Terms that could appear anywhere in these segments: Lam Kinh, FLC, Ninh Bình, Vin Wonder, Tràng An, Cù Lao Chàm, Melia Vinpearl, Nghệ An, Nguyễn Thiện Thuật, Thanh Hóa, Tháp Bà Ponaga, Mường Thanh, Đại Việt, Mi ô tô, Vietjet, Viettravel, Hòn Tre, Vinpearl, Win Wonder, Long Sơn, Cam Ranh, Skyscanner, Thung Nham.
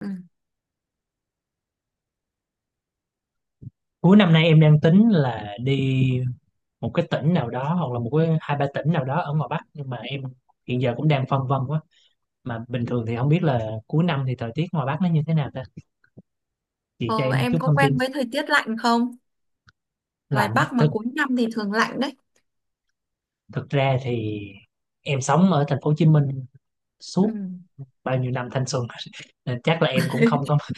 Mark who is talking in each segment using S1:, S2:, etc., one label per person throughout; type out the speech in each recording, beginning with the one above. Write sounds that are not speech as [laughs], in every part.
S1: Ừ.
S2: Cuối năm nay em đang tính là đi một cái tỉnh nào đó hoặc là một cái hai ba tỉnh nào đó ở ngoài Bắc, nhưng mà em hiện giờ cũng đang phân vân quá. Mà bình thường thì không biết là cuối năm thì thời tiết ngoài Bắc nó như thế nào ta. Chị cho
S1: Ờ,
S2: em chút
S1: em có
S2: thông tin.
S1: quen với thời tiết lạnh không? Ngoài
S2: Lạnh. Á.
S1: Bắc mà
S2: Thực
S1: cuối năm thì thường lạnh đấy.
S2: thực ra thì em sống ở thành phố Hồ Chí Minh
S1: Ừ.
S2: suốt bao nhiêu năm thanh xuân [laughs] nên chắc là em cũng không có
S1: [laughs]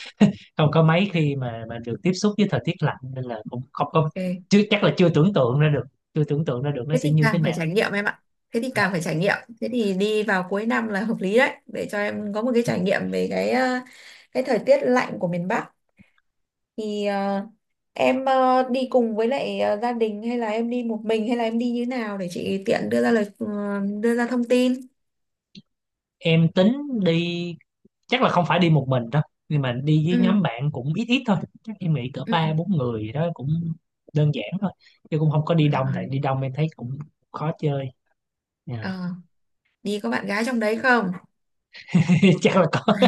S2: mấy khi mà được tiếp xúc với thời tiết lạnh, nên là cũng không có.
S1: Ok.
S2: Chứ chắc là chưa tưởng tượng ra được, chưa tưởng tượng ra được nó
S1: Thế
S2: sẽ
S1: thì
S2: như thế
S1: càng phải
S2: nào.
S1: trải nghiệm em ạ. Thế thì càng
S2: Dạ.
S1: phải trải nghiệm. Thế thì đi vào cuối năm là hợp lý đấy để cho em có một cái trải nghiệm về cái thời tiết lạnh của miền Bắc. Thì em đi cùng với lại gia đình hay là em đi một mình hay là em đi như nào để chị tiện đưa ra đưa ra thông tin.
S2: Em tính đi, chắc là không phải đi một mình đâu, nhưng mà đi với
S1: Ừ.
S2: nhóm bạn cũng ít ít thôi, chắc em nghĩ cỡ ba
S1: Ừ.
S2: bốn người gì đó cũng đơn giản thôi, chứ cũng không có
S1: Ừ.
S2: đi đông, tại
S1: Rồi.
S2: đi đông em thấy cũng khó chơi. Dạ.
S1: Ờ, Đi có bạn gái trong đấy không?
S2: [laughs] Chắc là có.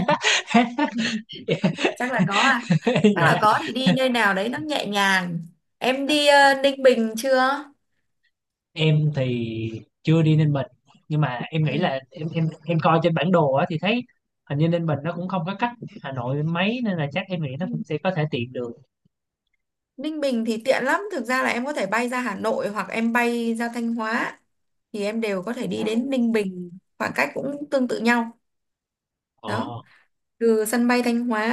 S2: [laughs] Dạ.
S1: Chắc là có à? Chắc là
S2: Dạ.
S1: có thì đi nơi nào đấy nó nhẹ nhàng. Em đi Ninh Bình chưa?
S2: Em thì chưa đi Ninh Bình, nhưng mà em nghĩ
S1: Ừ.
S2: là em coi trên bản đồ á thì thấy hình như Ninh Bình nó cũng không có cách Hà Nội mấy, nên là chắc em nghĩ nó
S1: Ừ.
S2: cũng sẽ có thể tiện đường.
S1: Ninh Bình thì tiện lắm, thực ra là em có thể bay ra Hà Nội hoặc em bay ra Thanh Hóa thì em đều có thể đi đến Ninh Bình, khoảng cách cũng tương tự nhau. Đó,
S2: Ờ.
S1: từ sân bay Thanh Hóa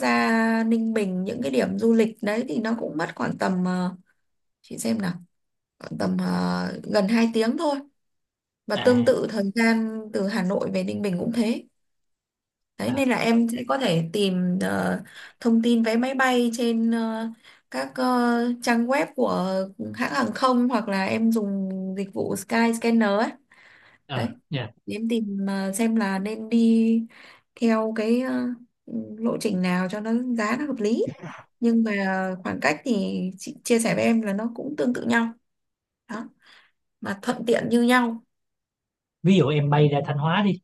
S1: ra Ninh Bình những cái điểm du lịch đấy thì nó cũng mất khoảng tầm, chị xem nào, khoảng tầm gần 2 tiếng thôi, và tương
S2: À.
S1: tự thời gian từ Hà Nội về Ninh Bình cũng thế. Đấy,
S2: À.
S1: nên là em sẽ có thể tìm thông tin vé máy bay trên các trang web của hãng hàng không, hoặc là em dùng dịch vụ Skyscanner ấy. Đấy.
S2: À, dạ.
S1: Để em tìm xem là nên đi theo lộ trình nào cho nó giá nó hợp lý. Nhưng mà khoảng cách thì chị chia sẻ với em là nó cũng tương tự nhau. Đó, mà thuận tiện như nhau.
S2: Ví dụ em bay ra Thanh Hóa đi,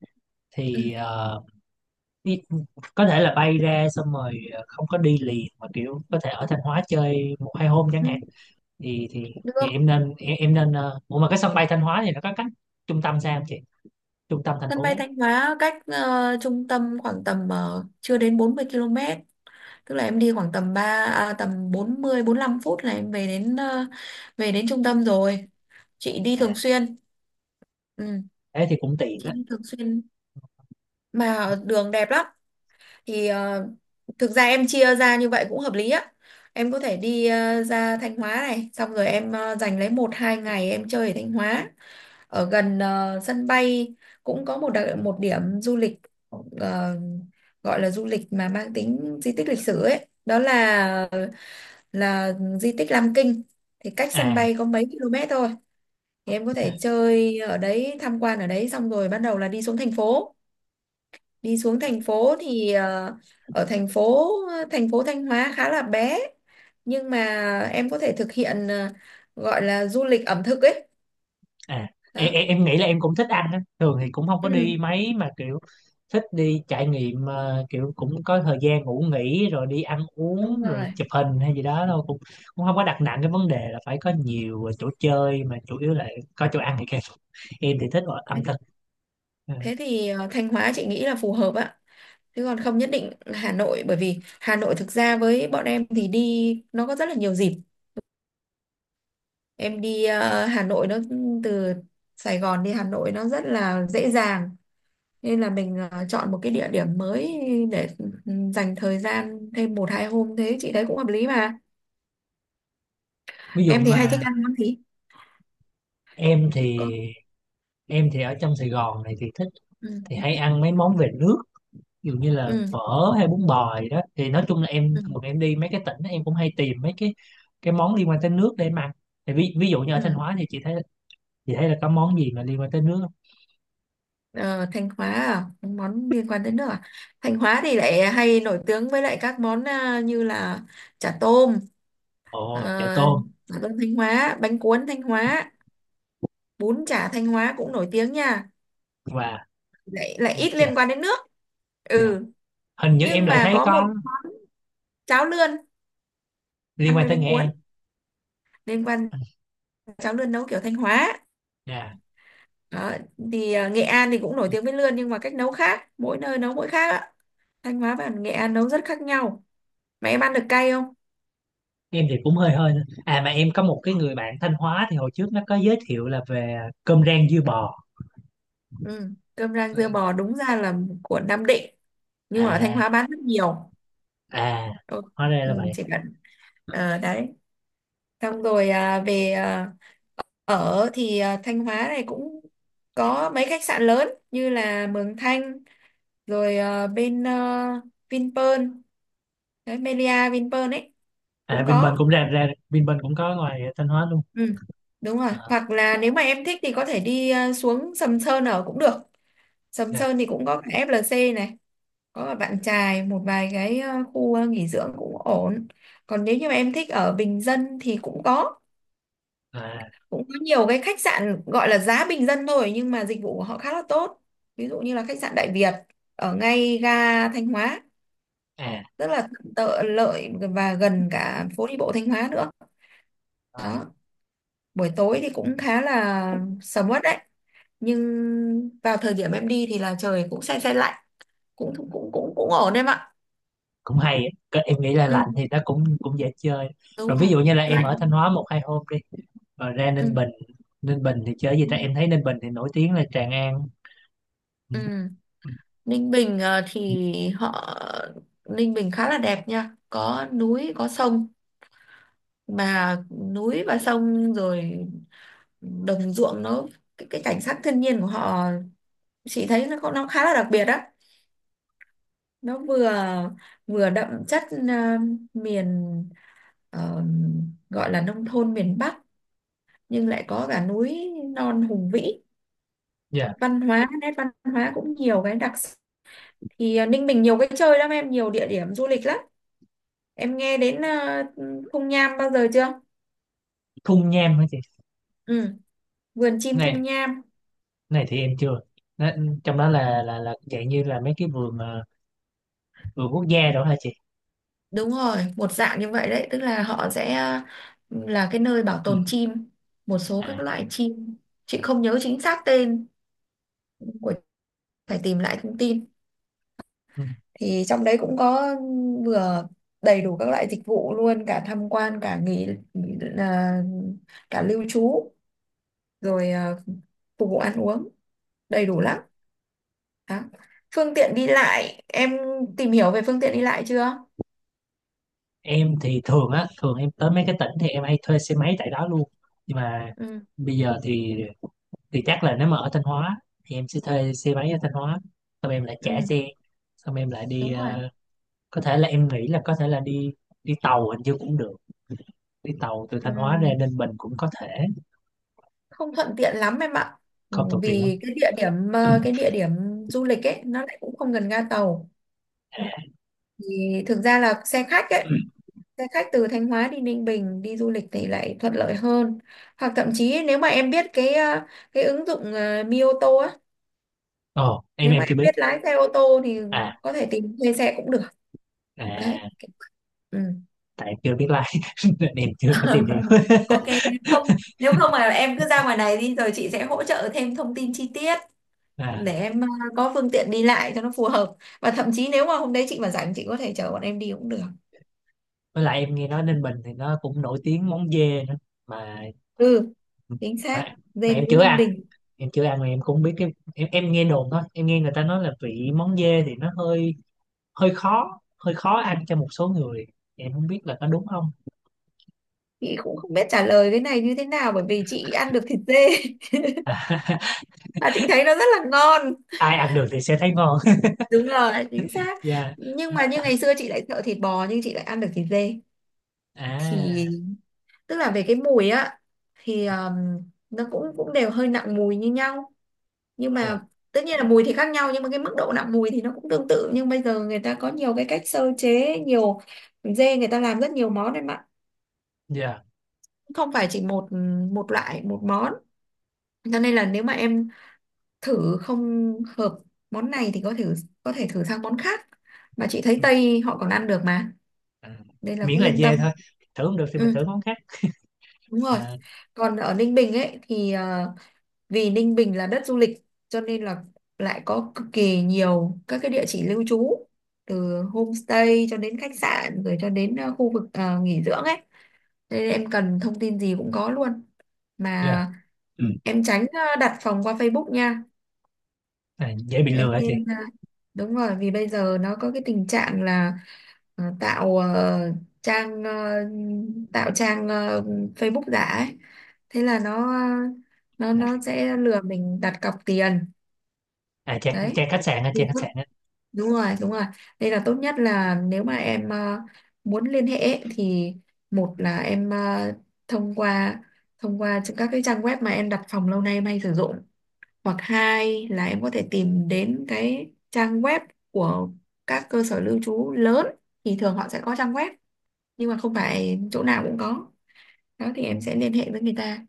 S2: thì
S1: Ừ.
S2: đi, có thể là bay ra xong rồi không có đi liền mà kiểu có thể ở Thanh Hóa chơi một hai hôm chẳng
S1: Ừ.
S2: hạn, thì
S1: Được.
S2: em nên, em nên, ủa mà cái sân bay Thanh Hóa thì nó có cách trung tâm sao không chị, trung tâm thành
S1: Sân bay
S2: phố.
S1: Thanh Hóa cách trung tâm khoảng tầm chưa đến 40 km, tức là em đi khoảng tầm 3 à, tầm 40 lăm phút là em về đến trung tâm rồi. Chị đi
S2: À,
S1: thường xuyên. Ừ,
S2: thế thì cũng tiện
S1: chị
S2: á.
S1: đi thường xuyên
S2: Ờ.
S1: mà đường đẹp lắm. Thì thực ra em chia ra như vậy cũng hợp lý á. Em có thể đi ra Thanh Hóa này, xong rồi em dành lấy một hai ngày em chơi ở Thanh Hóa, ở gần sân bay cũng có một điểm du lịch, ờ, gọi là du lịch mà mang tính di tích lịch sử ấy, đó là di tích Lam Kinh thì cách sân
S2: À.
S1: bay có mấy km thôi. Thì em có
S2: À.
S1: thể chơi ở đấy, tham quan ở đấy, xong rồi bắt đầu là đi xuống thành phố. Đi xuống thành phố thì ờ, ở thành phố Thanh Hóa khá là bé, nhưng mà em có thể thực hiện gọi là du lịch ẩm thực ấy.
S2: À,
S1: Đó.
S2: em nghĩ là em cũng thích ăn á. Thường thì cũng không có đi
S1: Ừ,
S2: mấy mà kiểu thích đi trải nghiệm, kiểu cũng có thời gian ngủ nghỉ rồi đi ăn
S1: đúng
S2: uống rồi
S1: rồi.
S2: chụp hình hay gì đó thôi, cũng cũng không có đặt nặng cái vấn đề là phải có nhiều chỗ chơi, mà chủ yếu là có chỗ ăn thì kẹp. Em thì thích ở ẩm thực. Ờ,
S1: Thế thì Thanh Hóa chị nghĩ là phù hợp ạ. Chứ còn không nhất định là Hà Nội, bởi vì Hà Nội thực ra với bọn em thì đi nó có rất là nhiều dịp. Em đi Hà Nội nó, từ Sài Gòn đi Hà Nội nó rất là dễ dàng. Nên là mình chọn một cái địa điểm mới, để dành thời gian thêm một hai hôm, thế chị thấy cũng hợp lý mà.
S2: ví dụ
S1: Em thì hay thích
S2: mà
S1: ăn món gì?
S2: em thì
S1: Có.
S2: em thì ở trong Sài Gòn này thì thích,
S1: Ừ.
S2: thì hay ăn mấy món về nước, ví dụ như là
S1: Ừ.
S2: phở hay bún bò gì đó, thì nói chung là em
S1: Ừ.
S2: thường em đi mấy cái tỉnh em cũng hay tìm mấy cái món liên quan tới nước để em ăn, thì ví dụ như ở
S1: Ừ.
S2: Thanh Hóa thì chị thấy là có món gì mà liên quan tới nước không?
S1: Ờ, Thanh Hóa à? Món liên quan tới nước à? Thanh Hóa thì lại hay nổi tiếng với lại các món như là chả tôm, ờ,
S2: Ồ, chả tôm.
S1: chả tôm Thanh Hóa, bánh cuốn Thanh Hóa, bún chả Thanh Hóa cũng nổi tiếng nha.
S2: Và
S1: Lại lại ít liên
S2: chà.
S1: quan đến nước.
S2: Dạ.
S1: Ừ,
S2: Hình như em
S1: nhưng
S2: lại
S1: mà
S2: thấy
S1: có một
S2: có
S1: món cháo lươn
S2: liên
S1: ăn
S2: quan
S1: với
S2: tới
S1: bánh
S2: Nghệ
S1: cuốn,
S2: An.
S1: liên quan, cháo lươn nấu kiểu Thanh Hóa.
S2: Dạ.
S1: Đó, thì Nghệ An thì cũng nổi tiếng với lươn, nhưng mà cách nấu khác, mỗi nơi nấu mỗi khác ạ. Thanh Hóa và Nghệ An nấu rất khác nhau. Mà em ăn được cay không?
S2: Em thì cũng hơi hơi thôi. À, mà em có một cái người bạn Thanh Hóa thì hồi trước nó có giới thiệu là về cơm rang dưa bò.
S1: Ừ. Cơm rang dưa bò đúng ra là của Nam Định nhưng mà ở Thanh Hóa
S2: À.
S1: bán rất nhiều.
S2: À,
S1: Ừ.
S2: hóa ra là
S1: Ừ,
S2: vậy.
S1: chỉ cần đấy, xong rồi à, về à, ở thì à, Thanh Hóa này cũng có mấy khách sạn lớn như là Mường Thanh, rồi bên Vinpearl đấy, Melia Vinpearl ấy
S2: À,
S1: cũng
S2: Vinpearl
S1: có.
S2: cũng ra ra Vinpearl cũng có ngoài Thanh Hóa luôn.
S1: Ừ. Đúng rồi,
S2: À,
S1: hoặc là nếu mà em thích thì có thể đi xuống Sầm Sơn ở cũng được. Sầm
S2: dạ.
S1: Sơn thì cũng có cả FLC này, có bạn trai một vài cái khu nghỉ dưỡng cũng ổn. Còn nếu như mà em thích ở bình dân thì cũng có
S2: À.
S1: cũng có nhiều cái khách sạn gọi là giá bình dân thôi nhưng mà dịch vụ của họ khá là tốt, ví dụ như là khách sạn Đại Việt ở ngay ga Thanh Hóa,
S2: À.
S1: rất là tợ lợi và gần cả phố đi bộ Thanh Hóa nữa.
S2: À,
S1: Đó, buổi tối thì cũng khá là sầm uất đấy, nhưng vào thời điểm em đi thì là trời cũng se se lạnh, cũng cũng cũng cũng, cũng ổn em ạ.
S2: cũng hay á. Cái- em nghĩ là
S1: Ừ,
S2: lạnh thì nó cũng cũng dễ chơi,
S1: đúng
S2: rồi ví
S1: rồi,
S2: dụ như là em ở
S1: lạnh.
S2: Thanh Hóa một hai hôm đi rồi ra Ninh
S1: Ừ.
S2: Bình. Ninh Bình thì chơi gì ta, em thấy Ninh Bình thì nổi tiếng là Tràng An. Ừ.
S1: Ừ.
S2: Ừ.
S1: Ninh Bình ờ,
S2: Ừ.
S1: thì họ Ninh Bình khá là đẹp nha, có núi có sông, mà núi và sông rồi đồng ruộng nó, cái cảnh sắc thiên nhiên của họ chị thấy nó khá là đặc biệt á. Nó vừa vừa đậm chất ờ, miền ờ, gọi là nông thôn miền Bắc, nhưng lại có cả núi non hùng vĩ,
S2: Dạ.
S1: văn hóa nét văn hóa cũng nhiều cái đặc sắc. Thì Ninh Bình nhiều cái chơi lắm em, nhiều địa điểm du lịch lắm. Em nghe đến Thung Nham bao giờ chưa?
S2: Thung Nham hả chị?
S1: Ừ, vườn chim Thung
S2: Này,
S1: Nham.
S2: này thì em chưa. Nó, trong đó là dạng như là mấy cái vườn, vườn quốc gia đó hả chị?
S1: Đúng rồi, một dạng như vậy đấy, tức là họ sẽ là cái nơi bảo
S2: Ừ.
S1: tồn chim, một số các
S2: À.
S1: loại chim. Chị không nhớ chính xác tên của, phải tìm lại thông tin.
S2: Ừ.
S1: Thì trong đấy cũng có, vừa đầy đủ các loại dịch vụ luôn, cả tham quan, cả nghỉ, nghỉ- ờ, cả lưu trú, rồi phục vụ ăn uống. Đầy đủ lắm. Đó. Phương tiện đi lại, em tìm hiểu về phương tiện đi lại chưa?
S2: Em thì thường á, thường em tới mấy cái tỉnh thì em hay thuê xe máy tại đó luôn, nhưng mà
S1: Ừ,
S2: bây giờ thì chắc là nếu mà ở Thanh Hóa thì em sẽ thuê xe máy ở Thanh Hóa, xong em lại trả
S1: ừ,
S2: xe, xong em lại đi,
S1: đúng rồi.
S2: có thể là em nghĩ là có thể là đi, đi tàu hình như cũng được, đi tàu từ
S1: Ừ,
S2: Thanh Hóa ra Ninh Bình cũng có thể,
S1: không thuận tiện lắm em ạ. Ừ,
S2: không tốn tiền lắm.
S1: vì cái địa điểm
S2: [coughs]
S1: cái địa điểm du lịch ấy nó lại cũng không gần ga tàu. Thì thực ra là xe khách ấy,
S2: [clears throat]
S1: xe khách từ Thanh Hóa đi Ninh Bình đi du lịch thì lại thuận lợi hơn. Hoặc thậm chí nếu mà em biết cái ứng dụng Mi ô tô á,
S2: Ồ, em
S1: nếu mà
S2: em chưa
S1: em
S2: biết.
S1: biết lái xe ô tô thì
S2: À.
S1: có thể tìm thuê xe cũng được. Đấy.
S2: À,
S1: Ừ.
S2: tại em chưa biết lái [laughs] nên em chưa có tìm hiểu.
S1: [laughs] Ok,
S2: [laughs]
S1: không, nếu không mà em cứ ra ngoài này đi rồi chị sẽ hỗ trợ thêm thông tin chi tiết
S2: À,
S1: để em có phương tiện đi lại cho nó phù hợp, và thậm chí nếu mà hôm đấy chị mà rảnh chị có thể chở bọn em đi cũng được.
S2: với lại em nghe nói Ninh Bình thì nó cũng nổi tiếng món dê nữa, mà
S1: Ừ, chính
S2: mà,
S1: xác,
S2: mà
S1: dê
S2: em
S1: nướng
S2: chưa
S1: Ninh
S2: ăn,
S1: Bình.
S2: em chưa ăn mà em cũng không biết cái em nghe đồn thôi, em nghe người ta nói là vị món dê thì nó hơi hơi khó, hơi khó ăn cho một số người, em không biết là có đúng không.
S1: Chị cũng không biết trả lời cái này như thế nào bởi vì chị ăn được thịt dê
S2: [laughs]
S1: [laughs] và chị thấy nó rất là ngon.
S2: Ai ăn được thì sẽ thấy ngon.
S1: Đúng rồi, chính
S2: [laughs]
S1: xác.
S2: Dạ.
S1: Nhưng mà như ngày xưa chị lại sợ thịt bò nhưng chị lại ăn được thịt dê,
S2: À.
S1: thì tức là về cái mùi á thì nó cũng cũng đều hơi nặng mùi như nhau, nhưng
S2: Dạ.
S1: mà tất nhiên là mùi thì khác nhau nhưng mà cái mức độ nặng mùi thì nó cũng tương tự, nhưng bây giờ người ta có nhiều cái cách sơ chế, nhiều, dê người ta làm rất nhiều món em ạ,
S2: Dạ.
S1: không phải chỉ một một loại một món, cho nên là nếu mà em thử không hợp món này thì có thể thử sang món khác, mà chị thấy
S2: Ừ.
S1: Tây họ còn ăn được mà,
S2: À,
S1: nên là
S2: miễn
S1: cứ
S2: là
S1: yên
S2: dê
S1: tâm.
S2: thôi, thử không được thì mình
S1: ừ,
S2: thử món khác.
S1: đúng rồi.
S2: À,
S1: Còn ở Ninh Bình ấy thì vì Ninh Bình là đất du lịch cho nên là lại có cực kỳ nhiều các cái địa chỉ lưu trú, từ homestay cho đến khách sạn rồi cho đến khu vực nghỉ dưỡng ấy. Thế nên em cần thông tin gì cũng có luôn,
S2: dạ.
S1: mà
S2: Ừ.
S1: em tránh đặt phòng qua Facebook nha.
S2: À, dễ bị lừa
S1: em
S2: hả chị?
S1: nên ờ, Đúng rồi, vì bây giờ nó có cái tình trạng là ờ, tạo ờ, trang ờ, tạo trang Facebook giả ấy, thế là nó ờ,
S2: À,
S1: nó sẽ lừa mình đặt cọc tiền.
S2: à,
S1: Đấy
S2: trang khách sạn á,
S1: thì
S2: trang khách
S1: tốt,
S2: sạn.
S1: đúng rồi, đúng rồi, đây là tốt nhất là nếu mà em muốn liên hệ ấy, thì một là em thông qua thông qua các cái trang web mà em đặt phòng lâu nay em hay sử dụng, hoặc hai là em có thể tìm đến cái trang web của các cơ sở lưu trú lớn, thì thường họ sẽ có trang web nhưng mà không phải chỗ nào cũng có. Đó thì em sẽ liên hệ với người ta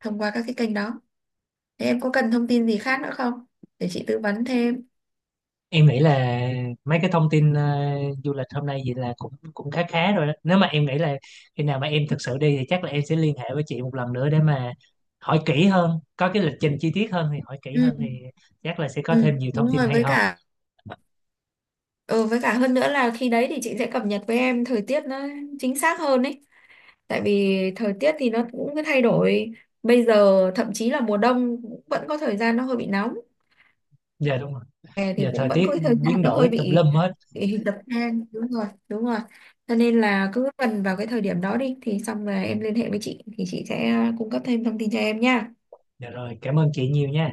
S1: thông qua các cái kênh đó. Thế em có cần thông tin gì khác nữa không để chị tư vấn thêm?
S2: Em nghĩ là mấy cái thông tin, du lịch hôm nay vậy là cũng cũng khá khá rồi đó, nếu mà em nghĩ là khi nào mà em thực sự đi thì chắc là em sẽ liên hệ với chị một lần nữa để mà hỏi kỹ hơn, có cái lịch trình chi tiết hơn thì hỏi kỹ
S1: ừ.
S2: hơn, thì chắc là sẽ có
S1: Ừ,
S2: thêm nhiều thông
S1: đúng
S2: tin
S1: rồi,
S2: hay
S1: với
S2: ho.
S1: cả ừ, với cả hơn nữa là khi đấy thì chị sẽ cập nhật với em thời tiết nó chính xác hơn ấy, tại vì thời tiết thì nó cũng cứ thay đổi, bây giờ thậm chí là mùa đông cũng vẫn có thời gian nó hơi bị nóng,
S2: Dạ đúng rồi,
S1: hè thì
S2: giờ
S1: cũng
S2: thời
S1: vẫn
S2: tiết
S1: có cái thời gian
S2: biến
S1: nó hơi
S2: đổi tùm
S1: bị,
S2: lum hết.
S1: bị dập than. Đúng rồi, đúng rồi, cho nên là cứ gần vào cái thời điểm đó đi thì xong rồi em liên hệ với chị thì chị sẽ cung cấp thêm thông tin cho em nha.
S2: Dạ rồi, cảm ơn chị nhiều nha.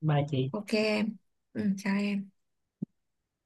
S2: Bye chị.
S1: Ok em. Ừ, chào em.